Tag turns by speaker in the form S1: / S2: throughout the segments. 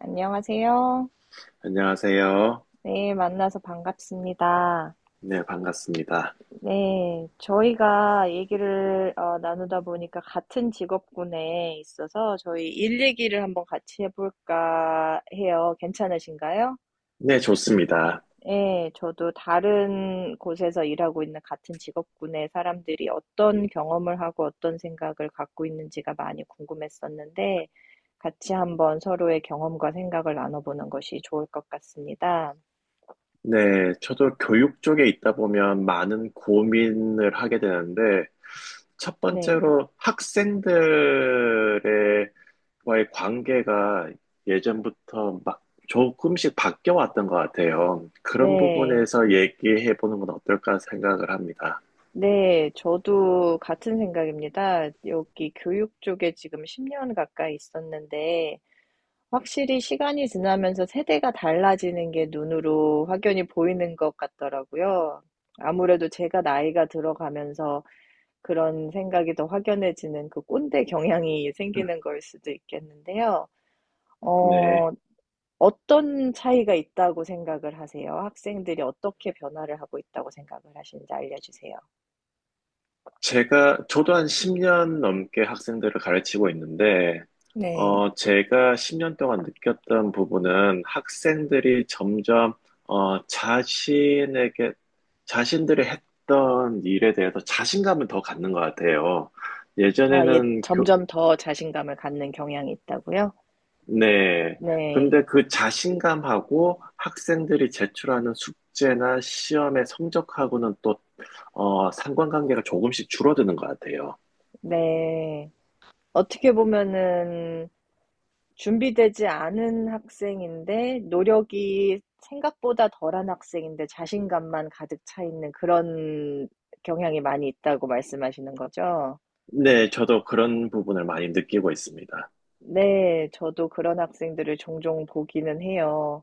S1: 안녕하세요.
S2: 안녕하세요.
S1: 네, 만나서 반갑습니다.
S2: 네, 반갑습니다.
S1: 네, 저희가 얘기를 나누다 보니까 같은 직업군에 있어서 저희 일 얘기를 한번 같이 해볼까 해요. 괜찮으신가요?
S2: 네, 좋습니다.
S1: 네, 저도 다른 곳에서 일하고 있는 같은 직업군의 사람들이 어떤 경험을 하고 어떤 생각을 갖고 있는지가 많이 궁금했었는데 같이 한번 서로의 경험과 생각을 나눠보는 것이 좋을 것 같습니다.
S2: 네, 저도 교육 쪽에 있다 보면 많은 고민을 하게 되는데, 첫
S1: 네,
S2: 번째로 학생들의 와의 관계가 예전부터 막 조금씩 바뀌어 왔던 것 같아요. 그런
S1: 네.
S2: 부분에서 얘기해 보는 건 어떨까 생각을 합니다.
S1: 네. 저도 같은 생각입니다. 여기 교육 쪽에 지금 10년 가까이 있었는데 확실히 시간이 지나면서 세대가 달라지는 게 눈으로 확연히 보이는 것 같더라고요. 아무래도 제가 나이가 들어가면서 그런 생각이 더 확연해지는 그 꼰대 경향이 생기는 걸 수도 있겠는데요.
S2: 네.
S1: 어 어떤 차이가 있다고 생각을 하세요? 학생들이 어떻게 변화를 하고 있다고 생각을 하시는지 알려 주세요.
S2: 저도 한 10년 넘게 학생들을 가르치고 있는데,
S1: 네.
S2: 제가 10년 동안 느꼈던 부분은 학생들이 점점, 어, 자신에게, 자신들이 했던 일에 대해서 자신감을 더 갖는 것 같아요.
S1: 아, 예,
S2: 예전에는 교,
S1: 점점 더 자신감을 갖는 경향이 있다고요?
S2: 네.
S1: 네,
S2: 근데 그 자신감하고 학생들이 제출하는 숙제나 시험의 성적하고는 또, 상관관계가 조금씩 줄어드는 것 같아요.
S1: 네. 어떻게 보면은 준비되지 않은 학생인데 노력이 생각보다 덜한 학생인데 자신감만 가득 차 있는 그런 경향이 많이 있다고 말씀하시는 거죠?
S2: 네, 저도 그런 부분을 많이 느끼고 있습니다.
S1: 네, 저도 그런 학생들을 종종 보기는 해요.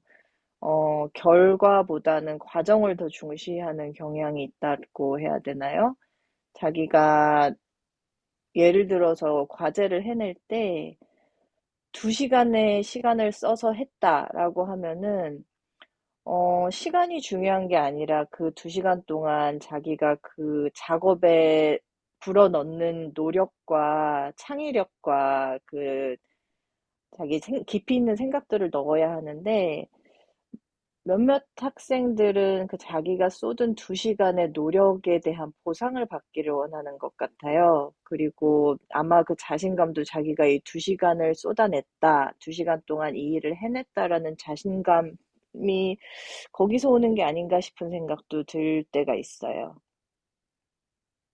S1: 결과보다는 과정을 더 중시하는 경향이 있다고 해야 되나요? 자기가 예를 들어서 과제를 해낼 때 2시간의 시간을 써서 했다라고 하면은 시간이 중요한 게 아니라 그 2시간 동안 자기가 그 작업에 불어넣는 노력과 창의력과 그 깊이 있는 생각들을 넣어야 하는데 몇몇 학생들은 그 자기가 쏟은 2시간 시간의 노력에 대한 보상을 받기를 원하는 것 같아요. 그리고 아마 그 자신감도 자기가 이 2시간 시간을 쏟아냈다, 2시간 시간 동안 이 일을 해냈다라는 자신감이 거기서 오는 게 아닌가 싶은 생각도 들 때가 있어요.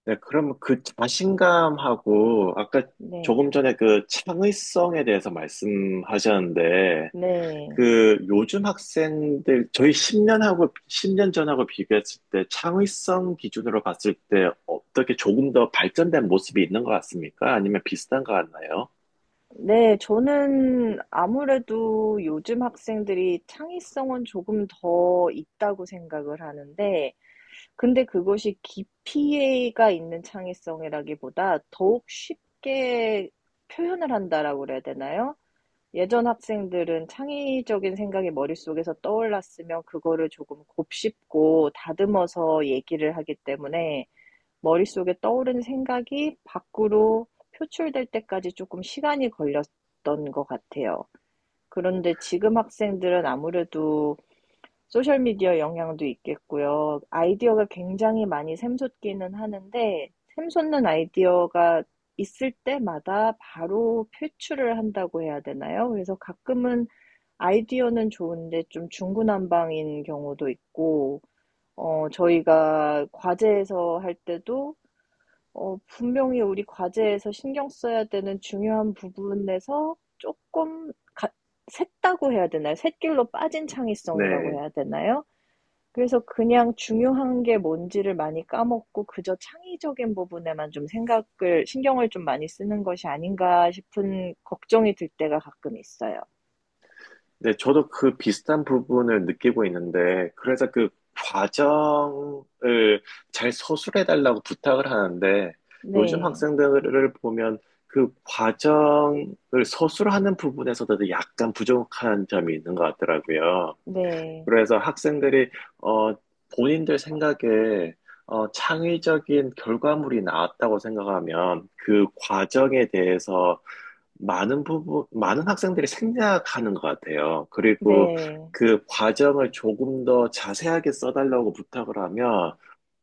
S2: 네, 그럼 그 자신감하고 아까
S1: 네.
S2: 조금 전에 그 창의성에 대해서 말씀하셨는데,
S1: 네.
S2: 그 요즘 학생들, 저희 10년하고 10년 전하고 비교했을 때 창의성 기준으로 봤을 때 어떻게 조금 더 발전된 모습이 있는 것 같습니까? 아니면 비슷한 것 같나요?
S1: 네. 저는 아무래도 요즘 학생들이 창의성은 조금 더 있다고 생각을 하는데 근데 그것이 깊이가 있는 창의성이라기보다 더욱 쉽게 표현을 한다라고 그래야 되나요? 예전 학생들은 창의적인 생각이 머릿속에서 떠올랐으면 그거를 조금 곱씹고 다듬어서 얘기를 하기 때문에 머릿속에 떠오른 생각이 밖으로 표출될 때까지 조금 시간이 걸렸던 것 같아요. 그런데 지금 학생들은 아무래도 소셜미디어 영향도 있겠고요. 아이디어가 굉장히 많이 샘솟기는 하는데 샘솟는 아이디어가 있을 때마다 바로 표출을 한다고 해야 되나요? 그래서 가끔은 아이디어는 좋은데 좀 중구난방인 경우도 있고 저희가 과제에서 할 때도 분명히 우리 과제에서 신경 써야 되는 중요한 부분에서 조금 가 샜다고 해야 되나요? 샛길로 빠진 창의성이라고
S2: 네.
S1: 해야 되나요? 그래서 그냥 중요한 게 뭔지를 많이 까먹고 그저 창의적인 부분에만 좀 생각을 신경을 좀 많이 쓰는 것이 아닌가 싶은 걱정이 들 때가 가끔 있어요.
S2: 네, 저도 그 비슷한 부분을 느끼고 있는데, 그래서 그 과정을 잘 서술해달라고 부탁을 하는데, 요즘
S1: 네.
S2: 학생들을 보면 그 과정을 서술하는 부분에서도 약간 부족한 점이 있는 것 같더라고요.
S1: 네.
S2: 그래서 학생들이, 어, 본인들 생각에, 창의적인 결과물이 나왔다고 생각하면 그 과정에 대해서 많은 학생들이 생략하는 것 같아요. 그리고
S1: 네.
S2: 그 과정을 조금 더 자세하게 써달라고 부탁을 하면,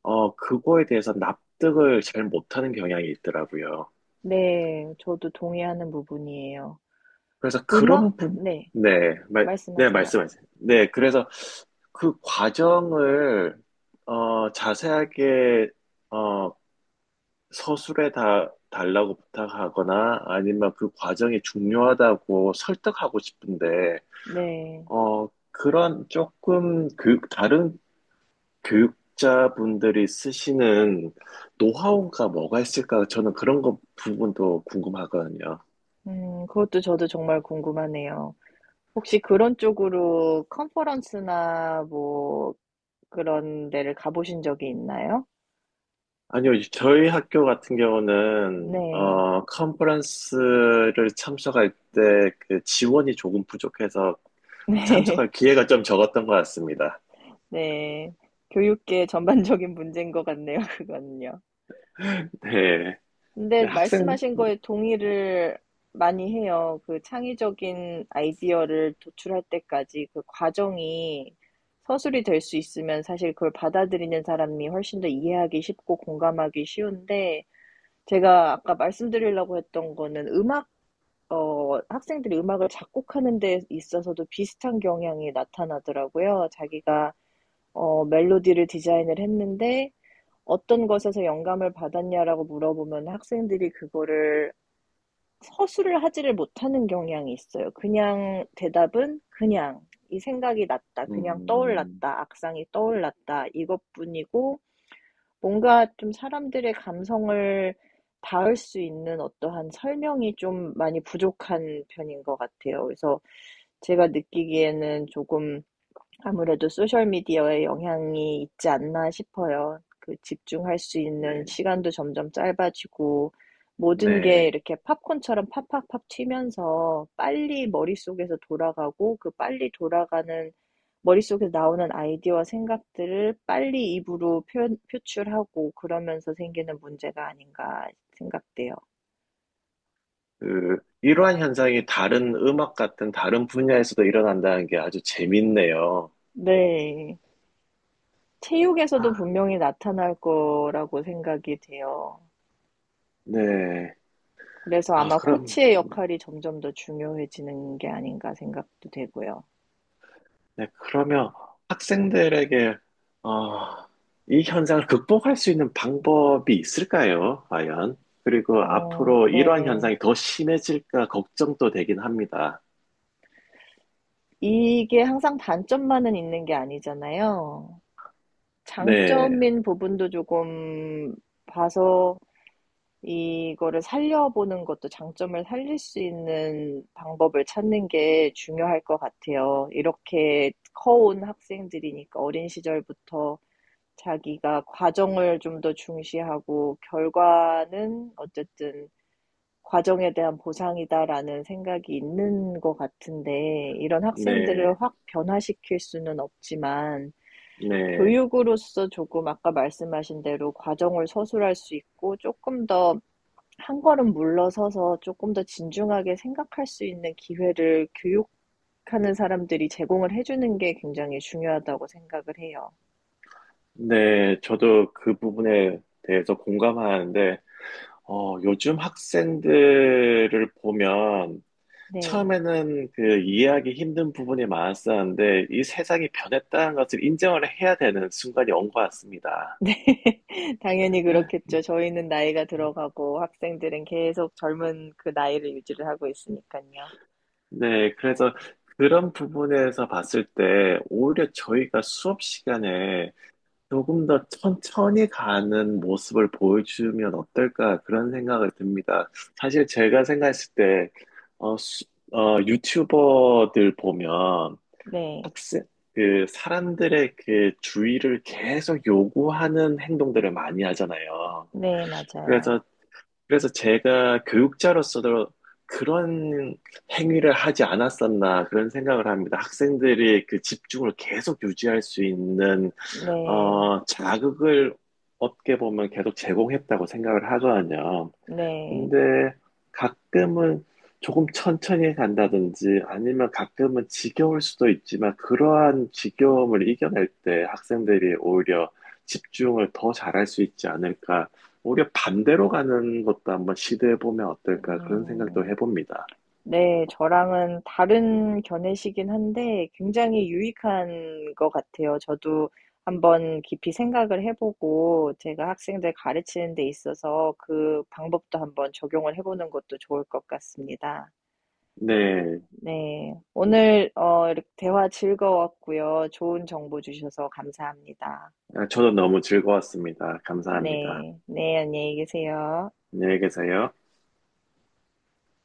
S2: 그거에 대해서 납득을 잘 못하는 경향이 있더라고요.
S1: 네. 저도 동의하는 부분이에요.
S2: 그래서
S1: 음악 네.
S2: 네, 네,
S1: 말씀하세요.
S2: 말씀하세요. 네, 그래서 그 과정을, 자세하게, 어, 달라고 부탁하거나 아니면 그 과정이 중요하다고 설득하고 싶은데,
S1: 네.
S2: 그런 조금 다른 교육자분들이 쓰시는 노하우가 뭐가 있을까? 저는 그런 거 부분도 궁금하거든요.
S1: 그것도 저도 정말 궁금하네요. 혹시 그런 쪽으로 컨퍼런스나 뭐 그런 데를 가보신 적이 있나요?
S2: 아니요, 저희 학교 같은 경우는,
S1: 네.
S2: 컨퍼런스를 참석할 때 그 지원이 조금 부족해서
S1: 네.
S2: 참석할 기회가 좀 적었던 것 같습니다.
S1: 네. 교육계 전반적인 문제인 것 같네요, 그거는요.
S2: 네.
S1: 근데
S2: 네,
S1: 말씀하신 거에 동의를 많이 해요. 그 창의적인 아이디어를 도출할 때까지 그 과정이 서술이 될 수 있으면 사실 그걸 받아들이는 사람이 훨씬 더 이해하기 쉽고 공감하기 쉬운데 제가 아까 말씀드리려고 했던 거는 음악, 학생들이 음악을 작곡하는 데 있어서도 비슷한 경향이 나타나더라고요. 자기가 멜로디를 디자인을 했는데 어떤 것에서 영감을 받았냐라고 물어보면 학생들이 그거를 서술을 하지를 못하는 경향이 있어요. 그냥 대답은 그냥 이 생각이 났다. 그냥
S2: 음,
S1: 떠올랐다. 악상이 떠올랐다. 이것뿐이고 뭔가 좀 사람들의 감성을 닿을 수 있는 어떠한 설명이 좀 많이 부족한 편인 것 같아요. 그래서 제가 느끼기에는 조금 아무래도 소셜미디어의 영향이 있지 않나 싶어요. 그 집중할 수 있는
S2: 네.
S1: 시간도 점점 짧아지고 모든 게
S2: 네.
S1: 이렇게 팝콘처럼 팍팍팍 튀면서 빨리 머릿속에서 돌아가고 그 빨리 돌아가는 머릿속에서 나오는 아이디어와 생각들을 빨리 입으로 표현, 표출하고 그러면서 생기는 문제가 아닌가 생각돼요.
S2: 그 이러한 현상이 다른 음악 같은 다른 분야에서도 일어난다는 게 아주 재밌네요.
S1: 네. 체육에서도
S2: 아,
S1: 분명히 나타날 거라고 생각이 돼요.
S2: 네.
S1: 그래서
S2: 아,
S1: 아마
S2: 그럼,
S1: 코치의 역할이 점점 더 중요해지는 게 아닌가 생각도 되고요.
S2: 네. 그러면 학생들에게, 어, 이 현상을 극복할 수 있는 방법이 있을까요? 과연? 그리고
S1: 어,
S2: 앞으로 이러한
S1: 네.
S2: 현상이 더 심해질까 걱정도 되긴 합니다.
S1: 이게 항상 단점만은 있는 게 아니잖아요.
S2: 네,
S1: 장점인 부분도 조금 봐서 이거를 살려보는 것도 장점을 살릴 수 있는 방법을 찾는 게 중요할 것 같아요. 이렇게 커온 학생들이니까 어린 시절부터 자기가 과정을 좀 더 중시하고 결과는 어쨌든 과정에 대한 보상이다라는 생각이 있는 것 같은데 이런
S2: 네,
S1: 학생들을 확 변화시킬 수는 없지만
S2: 네,
S1: 교육으로서 조금 아까 말씀하신 대로 과정을 서술할 수 있고 조금 더 한 걸음 물러서서 조금 더 진중하게 생각할 수 있는 기회를 교육하는 사람들이 제공을 해주는 게 굉장히 중요하다고 생각을 해요.
S2: 네. 저도 그 부분에 대해서 공감하는데, 요즘 학생들을 보면
S1: 네.
S2: 처음에는 그 이해하기 힘든 부분이 많았었는데 이 세상이 변했다는 것을 인정을 해야 되는 순간이 온 것 같습니다.
S1: 네. 당연히 그렇겠죠. 저희는 나이가 들어가고 학생들은 계속 젊은 그 나이를 유지를 하고 있으니까요.
S2: 네, 그래서 그런 부분에서 봤을 때 오히려 저희가 수업 시간에 조금 더 천천히 가는 모습을 보여주면 어떨까 그런 생각을 듭니다. 사실 제가 생각했을 때, 어, 수- 유튜버들 보면
S1: 네.
S2: 학습. 그 사람들의 그 주의를 계속 요구하는 행동들을 많이 하잖아요.
S1: 네, 맞아요.
S2: 그래서 그래서 제가 교육자로서도 그런 행위를 하지 않았었나 그런 생각을 합니다. 학생들이 그 집중을 계속 유지할 수 있는
S1: 네.
S2: 자극을 어떻게 보면 계속 제공했다고 생각을 하거든요.
S1: 네.
S2: 근데 가끔은 조금 천천히 간다든지 아니면 가끔은 지겨울 수도 있지만 그러한 지겨움을 이겨낼 때 학생들이 오히려 집중을 더 잘할 수 있지 않을까. 오히려 반대로 가는 것도 한번 시도해 보면 어떨까 그런 생각도
S1: 음.
S2: 해봅니다.
S1: 네, 저랑은 다른 견해시긴 한데 굉장히 유익한 것 같아요. 저도 한번 깊이 생각을 해보고 제가 학생들 가르치는 데 있어서 그 방법도 한번 적용을 해보는 것도 좋을 것 같습니다.
S2: 네,
S1: 네. 오늘 이렇게 대화 즐거웠고요. 좋은 정보 주셔서 감사합니다.
S2: 아, 저도 너무 즐거웠습니다. 감사합니다.
S1: 네. 네, 안녕히 계세요.
S2: 안녕히 계세요.